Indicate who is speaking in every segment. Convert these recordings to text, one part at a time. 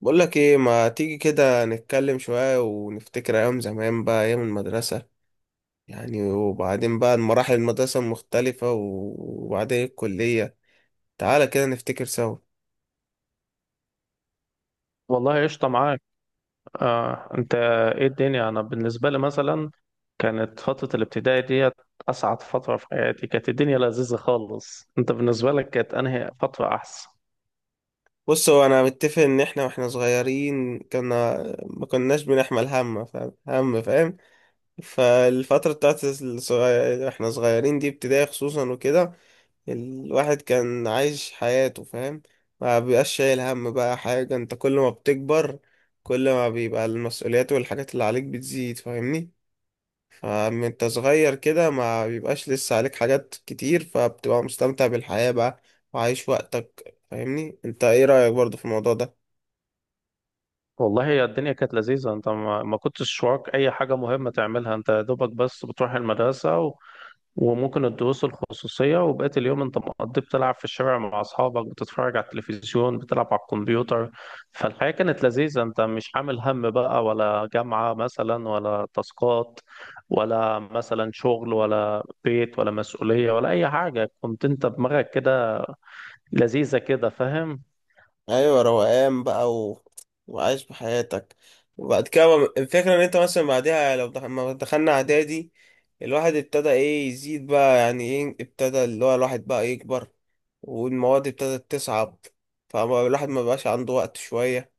Speaker 1: بقول لك ايه، ما تيجي كده نتكلم شوية ونفتكر ايام زمان بقى، ايام المدرسة يعني. وبعدين بقى مراحل المدرسة المختلفة وبعدين الكلية. تعالى كده نفتكر سوا.
Speaker 2: والله قشطة معاك. انت، ايه الدنيا. انا بالنسبة لي مثلا كانت فترة الابتدائي ديت اسعد فترة في حياتي. كانت الدنيا لذيذة خالص. انت بالنسبة لك كانت انهي فترة احسن؟
Speaker 1: بص هو انا متفق ان احنا واحنا صغيرين كنا ما كناش بنحمل هم، فاهم؟ هم، فاهم؟ فالفترة بتاعت الصغير احنا صغيرين دي، ابتدائي خصوصا وكده، الواحد كان عايش حياته، فاهم. ما بيبقاش شايل هم بقى حاجة. انت كل ما بتكبر، كل ما بيبقى المسؤوليات والحاجات اللي عليك بتزيد، فاهمني. فمن انت صغير كده ما بيبقاش لسه عليك حاجات كتير، فبتبقى مستمتع بالحياة بقى وعايش وقتك، فاهمني. انت ايه رأيك برضو في الموضوع ده؟
Speaker 2: والله هي الدنيا كانت لذيذة. انت ما كنتش وراك اي حاجة مهمة تعملها، انت يا دوبك بس بتروح المدرسة وممكن الدروس الخصوصية، وبقية اليوم انت مقضي بتلعب في الشارع مع أصحابك، بتتفرج على التلفزيون، بتلعب على الكمبيوتر. فالحياة كانت لذيذة، انت مش عامل هم بقى، ولا جامعة مثلا، ولا تاسكات، ولا مثلا شغل، ولا بيت، ولا مسؤولية، ولا أي حاجة. كنت انت دماغك كده لذيذة كده، فاهم؟
Speaker 1: ايوه، روقان بقى وعايش بحياتك. وبعد كده الفكره ان انت مثلا بعدها، لو ما دخلنا اعدادي الواحد ابتدى ايه يزيد بقى، يعني ايه، ابتدى اللي هو الواحد بقى يكبر، والمواد ابتدت تصعب، فالواحد ما بقاش عنده وقت شويه.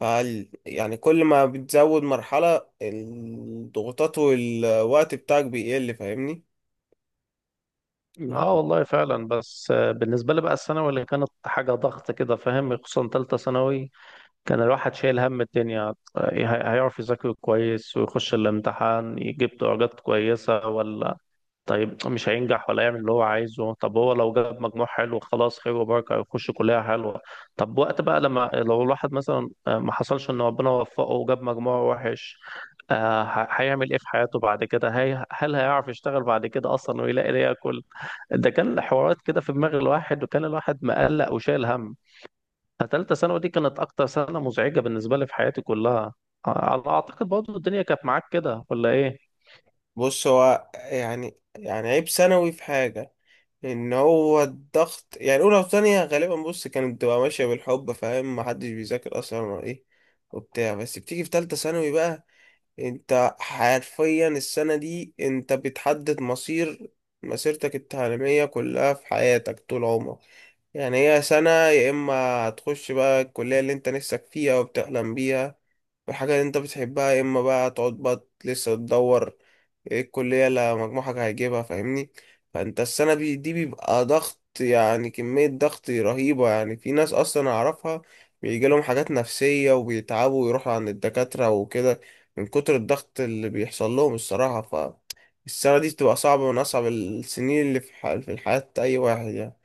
Speaker 1: يعني كل ما بتزود مرحله، الضغوطات والوقت بتاعك بيقل، فاهمني.
Speaker 2: اه
Speaker 1: يعني.
Speaker 2: والله فعلا. بس بالنسبة لي بقى الثانوي اللي كانت حاجة ضغط كده، فاهم، خصوصا تالتة ثانوي. كان الواحد شايل هم الدنيا، إيه، هيعرف يذاكر كويس ويخش الامتحان يجيب درجات كويسة ولا طيب مش هينجح، ولا يعمل اللي هو عايزه. طب هو لو جاب مجموع حلو خلاص، خير وبركة، يخش كلية حلوة. طب وقت بقى لما لو الواحد مثلا، ما حصلش ان ربنا وفقه وجاب مجموع وحش، هيعمل ايه في حياته بعد كده؟ هي هل هيعرف يشتغل بعد كده اصلا ويلاقي ليه ياكل؟ ده كان حوارات كده في دماغ الواحد، وكان الواحد مقلق وشايل هم. تالتة ثانوي دي كانت أكتر سنة مزعجة بالنسبة لي في حياتي كلها. على أعتقد برضه الدنيا كانت معاك كده ولا إيه؟
Speaker 1: بص هو يعني عيب ثانوي في حاجه، ان هو الضغط. يعني اولى وثانيه غالبا بص كانت بتبقى ماشيه بالحب، فاهم، محدش بيذاكر اصلا ولا ايه وبتاع. بس بتيجي في ثالثه ثانوي بقى، انت حرفيا السنه دي انت بتحدد مصير مسيرتك التعليميه كلها في حياتك طول عمرك. يعني هي سنه، يا اما هتخش بقى الكليه اللي انت نفسك فيها وبتحلم بيها والحاجه اللي انت بتحبها، يا اما بقى تقعد بقى لسه تدور ايه الكلية اللي مجموعك هيجيبها، فاهمني. فانت السنة دي بيبقى ضغط، يعني كمية ضغط رهيبة. يعني في ناس اصلا اعرفها بيجيلهم حاجات نفسية وبيتعبوا ويروحوا عند الدكاترة وكده من كتر الضغط اللي بيحصل لهم الصراحة. ف، السنة دي بتبقى صعبة، من أصعب السنين اللي في في الحياة أي واحد يعني.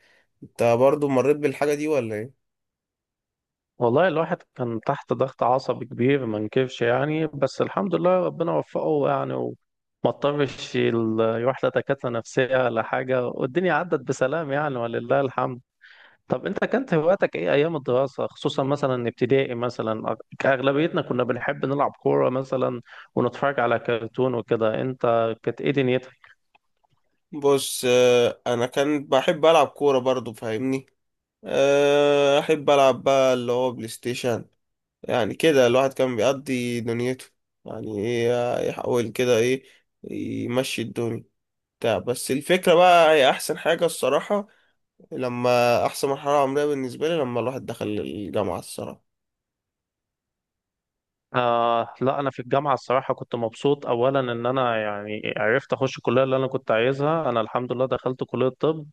Speaker 1: أنت برضو مريت بالحاجة دي ولا إيه؟
Speaker 2: والله الواحد كان تحت ضغط عصبي كبير ما انكرش يعني، بس الحمد لله ربنا وفقه يعني، وما اضطرش يروح لدكاترة نفسية ولا حاجة، والدنيا عدت بسلام يعني، ولله الحمد. طب أنت كانت هواياتك إيه أيام الدراسة، خصوصا مثلا ابتدائي مثلا؟ أغلبيتنا كنا بنحب نلعب كورة مثلا، ونتفرج على كرتون وكده. أنت كانت إيه دنيتك؟
Speaker 1: بص، أنا كان بحب ألعب كورة برضو، فاهمني. أحب ألعب بقى اللي هو بلاي ستيشن. يعني كده الواحد كان بيقضي دنيته، يعني ايه، يحاول كده ايه، يمشي الدنيا بتاع بس الفكرة بقى، هي أحسن حاجة الصراحة، لما، أحسن مرحلة عمرية بالنسبة لي، لما الواحد دخل الجامعة الصراحة.
Speaker 2: آه، لا أنا في الجامعة الصراحة كنت مبسوط، أولا إن أنا يعني عرفت أخش الكلية اللي أنا كنت عايزها. أنا الحمد لله دخلت كلية طب،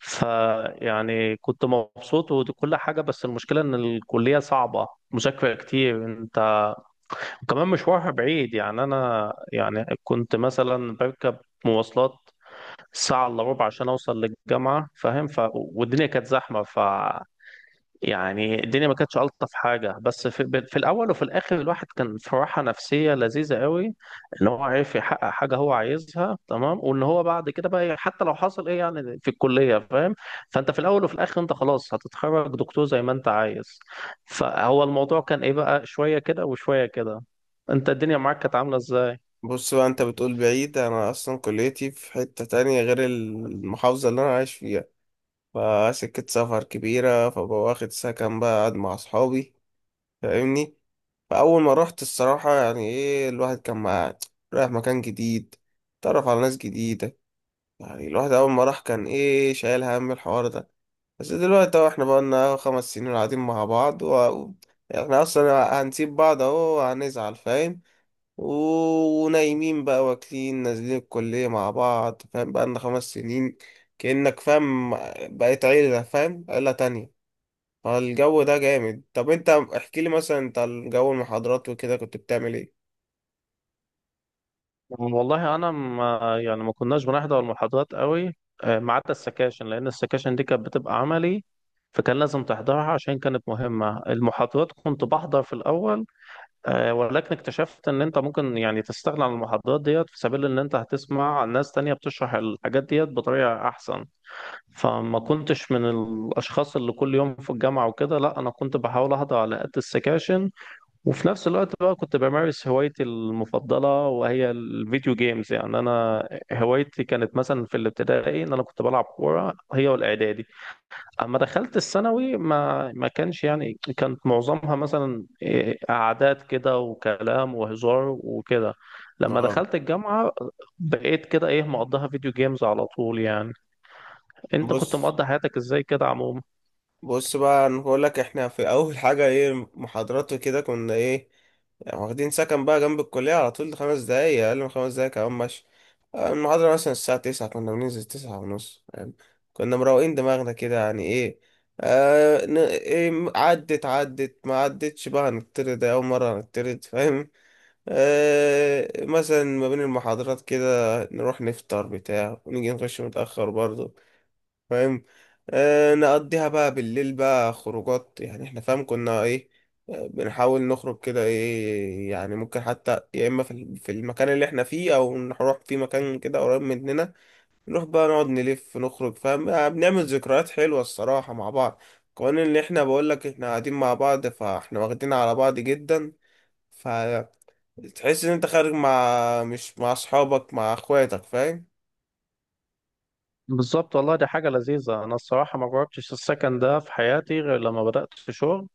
Speaker 2: فيعني كنت مبسوط وكل حاجة. بس المشكلة إن الكلية صعبة، مذاكرة كتير أنت، وكمان مشوارها بعيد. يعني أنا يعني كنت مثلا بركب مواصلات ساعة إلا ربع عشان أوصل للجامعة، فاهم. ف... والدنيا كانت زحمة، ف يعني الدنيا ما كانتش ألطف حاجة. بس في الأول وفي الآخر الواحد كان في راحة نفسية لذيذة قوي، إن هو عرف يحقق حاجة هو عايزها تمام، وإن هو بعد كده بقى، إيه، حتى لو حصل إيه يعني في الكلية، فاهم، فأنت في الأول وفي الآخر أنت خلاص هتتخرج دكتور زي ما أنت عايز. فهو الموضوع كان، إيه، بقى شوية كده وشوية كده. أنت الدنيا معاك كانت عاملة إزاي؟
Speaker 1: بص بقى أنت بتقول بعيد، أنا أصلا كليتي في حتة تانية غير المحافظة اللي أنا عايش فيها، فسكة سفر كبيرة، فبقى واخد سكن بقى قاعد مع أصحابي، فاهمني. فأول ما رحت الصراحة، يعني إيه، الواحد كان مع، رايح مكان جديد، اتعرف على ناس جديدة. يعني الواحد أول ما راح كان إيه، شايل هم الحوار ده. بس دلوقتي أهو إحنا بقالنا 5 سنين قاعدين مع بعض إحنا أصلا هنسيب بعض أهو؟ هنزعل، فاهم، ونايمين بقى واكلين نازلين الكلية مع بعض، فاهم، بقالنا 5 سنين، كأنك فاهم، بقيت عيلة، فاهم، عيلة تانية. فالجو ده جامد. طب انت احكي لي مثلا، انت الجو، المحاضرات وكده، كنت بتعمل ايه؟
Speaker 2: والله انا ما يعني ما كناش بنحضر المحاضرات قوي، ما عدا السكاشن، لان السكاشن دي كانت بتبقى عملي، فكان لازم تحضرها عشان كانت مهمة. المحاضرات كنت بحضر في الاول، ولكن اكتشفت ان انت ممكن يعني تستغنى عن المحاضرات ديت في سبيل ان انت هتسمع ناس تانية بتشرح الحاجات ديت بطريقة احسن. فما كنتش من الاشخاص اللي كل يوم في الجامعة وكده، لا انا كنت بحاول احضر على قد السكاشن. وفي نفس الوقت بقى كنت بمارس هوايتي المفضلة، وهي الفيديو جيمز. يعني أنا هوايتي كانت مثلا في الابتدائي إن أنا كنت بلعب كورة، هي والإعدادي. أما دخلت الثانوي ما كانش يعني، كانت معظمها مثلا، إيه، قعدات كده وكلام وهزار وكده. لما
Speaker 1: اه.
Speaker 2: دخلت الجامعة بقيت كده، إيه، مقضيها فيديو جيمز على طول يعني. أنت كنت
Speaker 1: بص
Speaker 2: مقضي حياتك إزاي كده عموما؟
Speaker 1: بص بقى انا بقول لك، احنا في اول حاجه ايه، محاضرات وكده كنا ايه، يعني واخدين سكن بقى جنب الكليه على طول، 5 دقايق، اقل من 5 دقايق كمان، ماشي. المحاضره مثلا الساعه 9 كنا بننزل 9 ونص يعني. كنا مروقين دماغنا كده، يعني ايه. إيه، عدت ما عدتش بقى، هنطرد، أول مرة هنطرد، فاهم. مثلا ما بين المحاضرات كده نروح نفطر بتاع، ونيجي نخش متأخر برضه، فاهم. نقضيها بقى بالليل بقى خروجات، يعني احنا فاهم كنا ايه. بنحاول نخرج كده ايه، يعني ممكن حتى يا اما في في المكان اللي احنا فيه او نروح في مكان كده قريب مننا. نروح بقى نقعد نلف نخرج، فاهم. بنعمل ذكريات حلوة الصراحة مع بعض. كمان اللي احنا بقول لك، احنا قاعدين مع بعض، فاحنا واخدين على بعض جدا. فتحس ان انت خارج مش مع اصحابك، مع اخواتك، فاهم.
Speaker 2: بالظبط والله، دي حاجة لذيذة. أنا الصراحة ما جربتش السكن ده في حياتي غير لما بدأت في شغل،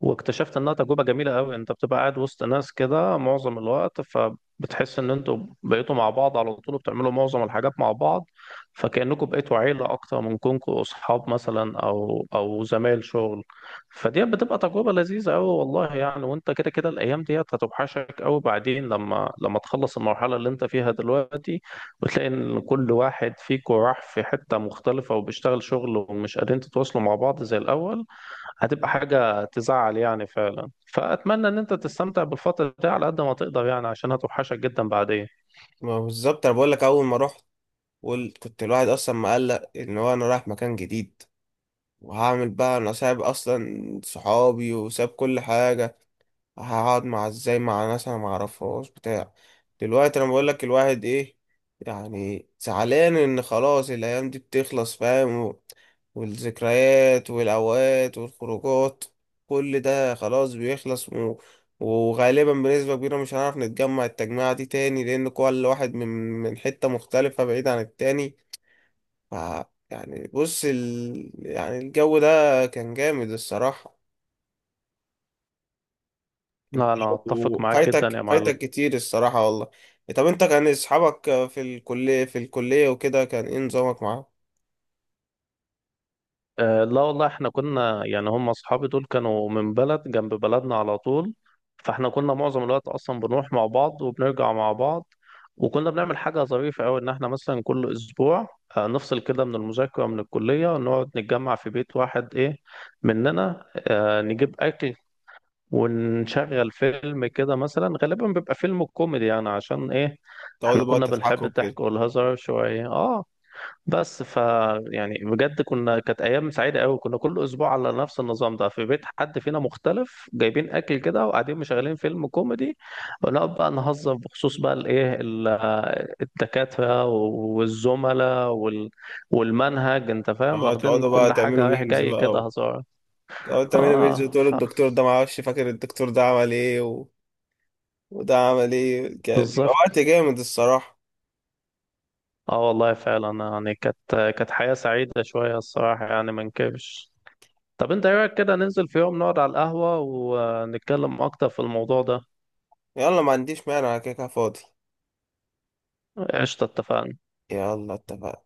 Speaker 2: واكتشفت انها تجربه جميله قوي. انت بتبقى قاعد وسط ناس كده معظم الوقت، فبتحس ان انتوا بقيتوا مع بعض على طول، وبتعملوا معظم الحاجات مع بعض، فكأنكم بقيتوا عيله اكتر من كونكم اصحاب مثلا، او زمايل شغل. فدي بتبقى تجربه لذيذه قوي والله يعني. وانت كده كده الايام ديت هتوحشك قوي بعدين، لما تخلص المرحله اللي انت فيها دلوقتي، وتلاقي ان كل واحد فيكم راح في حته مختلفه وبيشتغل شغل ومش قادرين تتواصلوا مع بعض زي الاول. هتبقى حاجة تزعل يعني فعلا. فأتمنى إن أنت تستمتع بالفترة دي على قد ما تقدر يعني، عشان هتوحشك جدا بعدين.
Speaker 1: ما بالظبط، انا بقول لك، اول ما رحت كنت الواحد اصلا مقلق ان هو انا رايح مكان جديد، وهعمل بقى، انا سايب اصلا صحابي وساب كل حاجه، هقعد مع، ازاي مع ناس انا معرفهاش بتاع. دلوقتي انا بقول لك الواحد ايه، يعني زعلان ان خلاص الايام دي بتخلص، فاهم، والذكريات والاوقات والخروجات، كل ده خلاص بيخلص وغالبا بنسبة كبيرة مش هنعرف نتجمع التجميعة دي تاني، لأن كل واحد من حتة مختلفة بعيد عن التاني. ف، يعني بص يعني الجو ده كان جامد الصراحة.
Speaker 2: لا أنا أتفق معاك جدا يا
Speaker 1: وفايتك،
Speaker 2: معلم.
Speaker 1: فايتك كتير الصراحة والله. طب انت كان اصحابك في الكلية وكده، كان ايه نظامك معاهم؟
Speaker 2: أه لا والله، إحنا كنا يعني، هم أصحابي دول كانوا من بلد جنب بلدنا على طول، فإحنا كنا معظم الوقت أصلا بنروح مع بعض وبنرجع مع بعض. وكنا بنعمل حاجة ظريفة أوي، إن إحنا مثلا كل أسبوع نفصل كده من المذاكرة، من الكلية، ونقعد نتجمع في بيت واحد، إيه، مننا، نجيب أكل، ونشغل فيلم كده مثلا، غالبا بيبقى فيلم كوميدي يعني، عشان ايه، احنا
Speaker 1: تقعدوا بقى
Speaker 2: كنا بنحب
Speaker 1: تضحكوا كده.
Speaker 2: الضحك والهزار شوية. اه، بس ف، يعني بجد كنا، كانت ايام سعيدة قوي. كنا كل اسبوع على نفس النظام ده، في بيت حد فينا مختلف، جايبين اكل كده وقاعدين مشغلين فيلم كوميدي، ونقعد بقى نهزر بخصوص بقى الدكاترة والزملاء، وال... والمنهج، انت فاهم، واخدين
Speaker 1: تقعدوا بقى
Speaker 2: كل
Speaker 1: تعملوا
Speaker 2: حاجة رايح
Speaker 1: ميمز
Speaker 2: جاي
Speaker 1: بقى
Speaker 2: كده هزار.
Speaker 1: تقعدوا تعملوا ميمز،
Speaker 2: اه
Speaker 1: وتقولوا
Speaker 2: ف،
Speaker 1: الدكتور ده، معرفش، فاكر الدكتور ده عمل ايه وده عمل ايه. كان بيبقى
Speaker 2: بالظبط.
Speaker 1: وقت جامد الصراحة.
Speaker 2: اه والله فعلا يعني، كانت حياة سعيدة شوية الصراحة يعني، ما نكبش. طب انت ايه رأيك كده ننزل في يوم نقعد على القهوة ونتكلم اكتر في الموضوع ده؟
Speaker 1: يلا، ما عنديش مانع، أنا كده كده فاضي.
Speaker 2: قشطة، اتفقنا.
Speaker 1: يلا اتفقنا.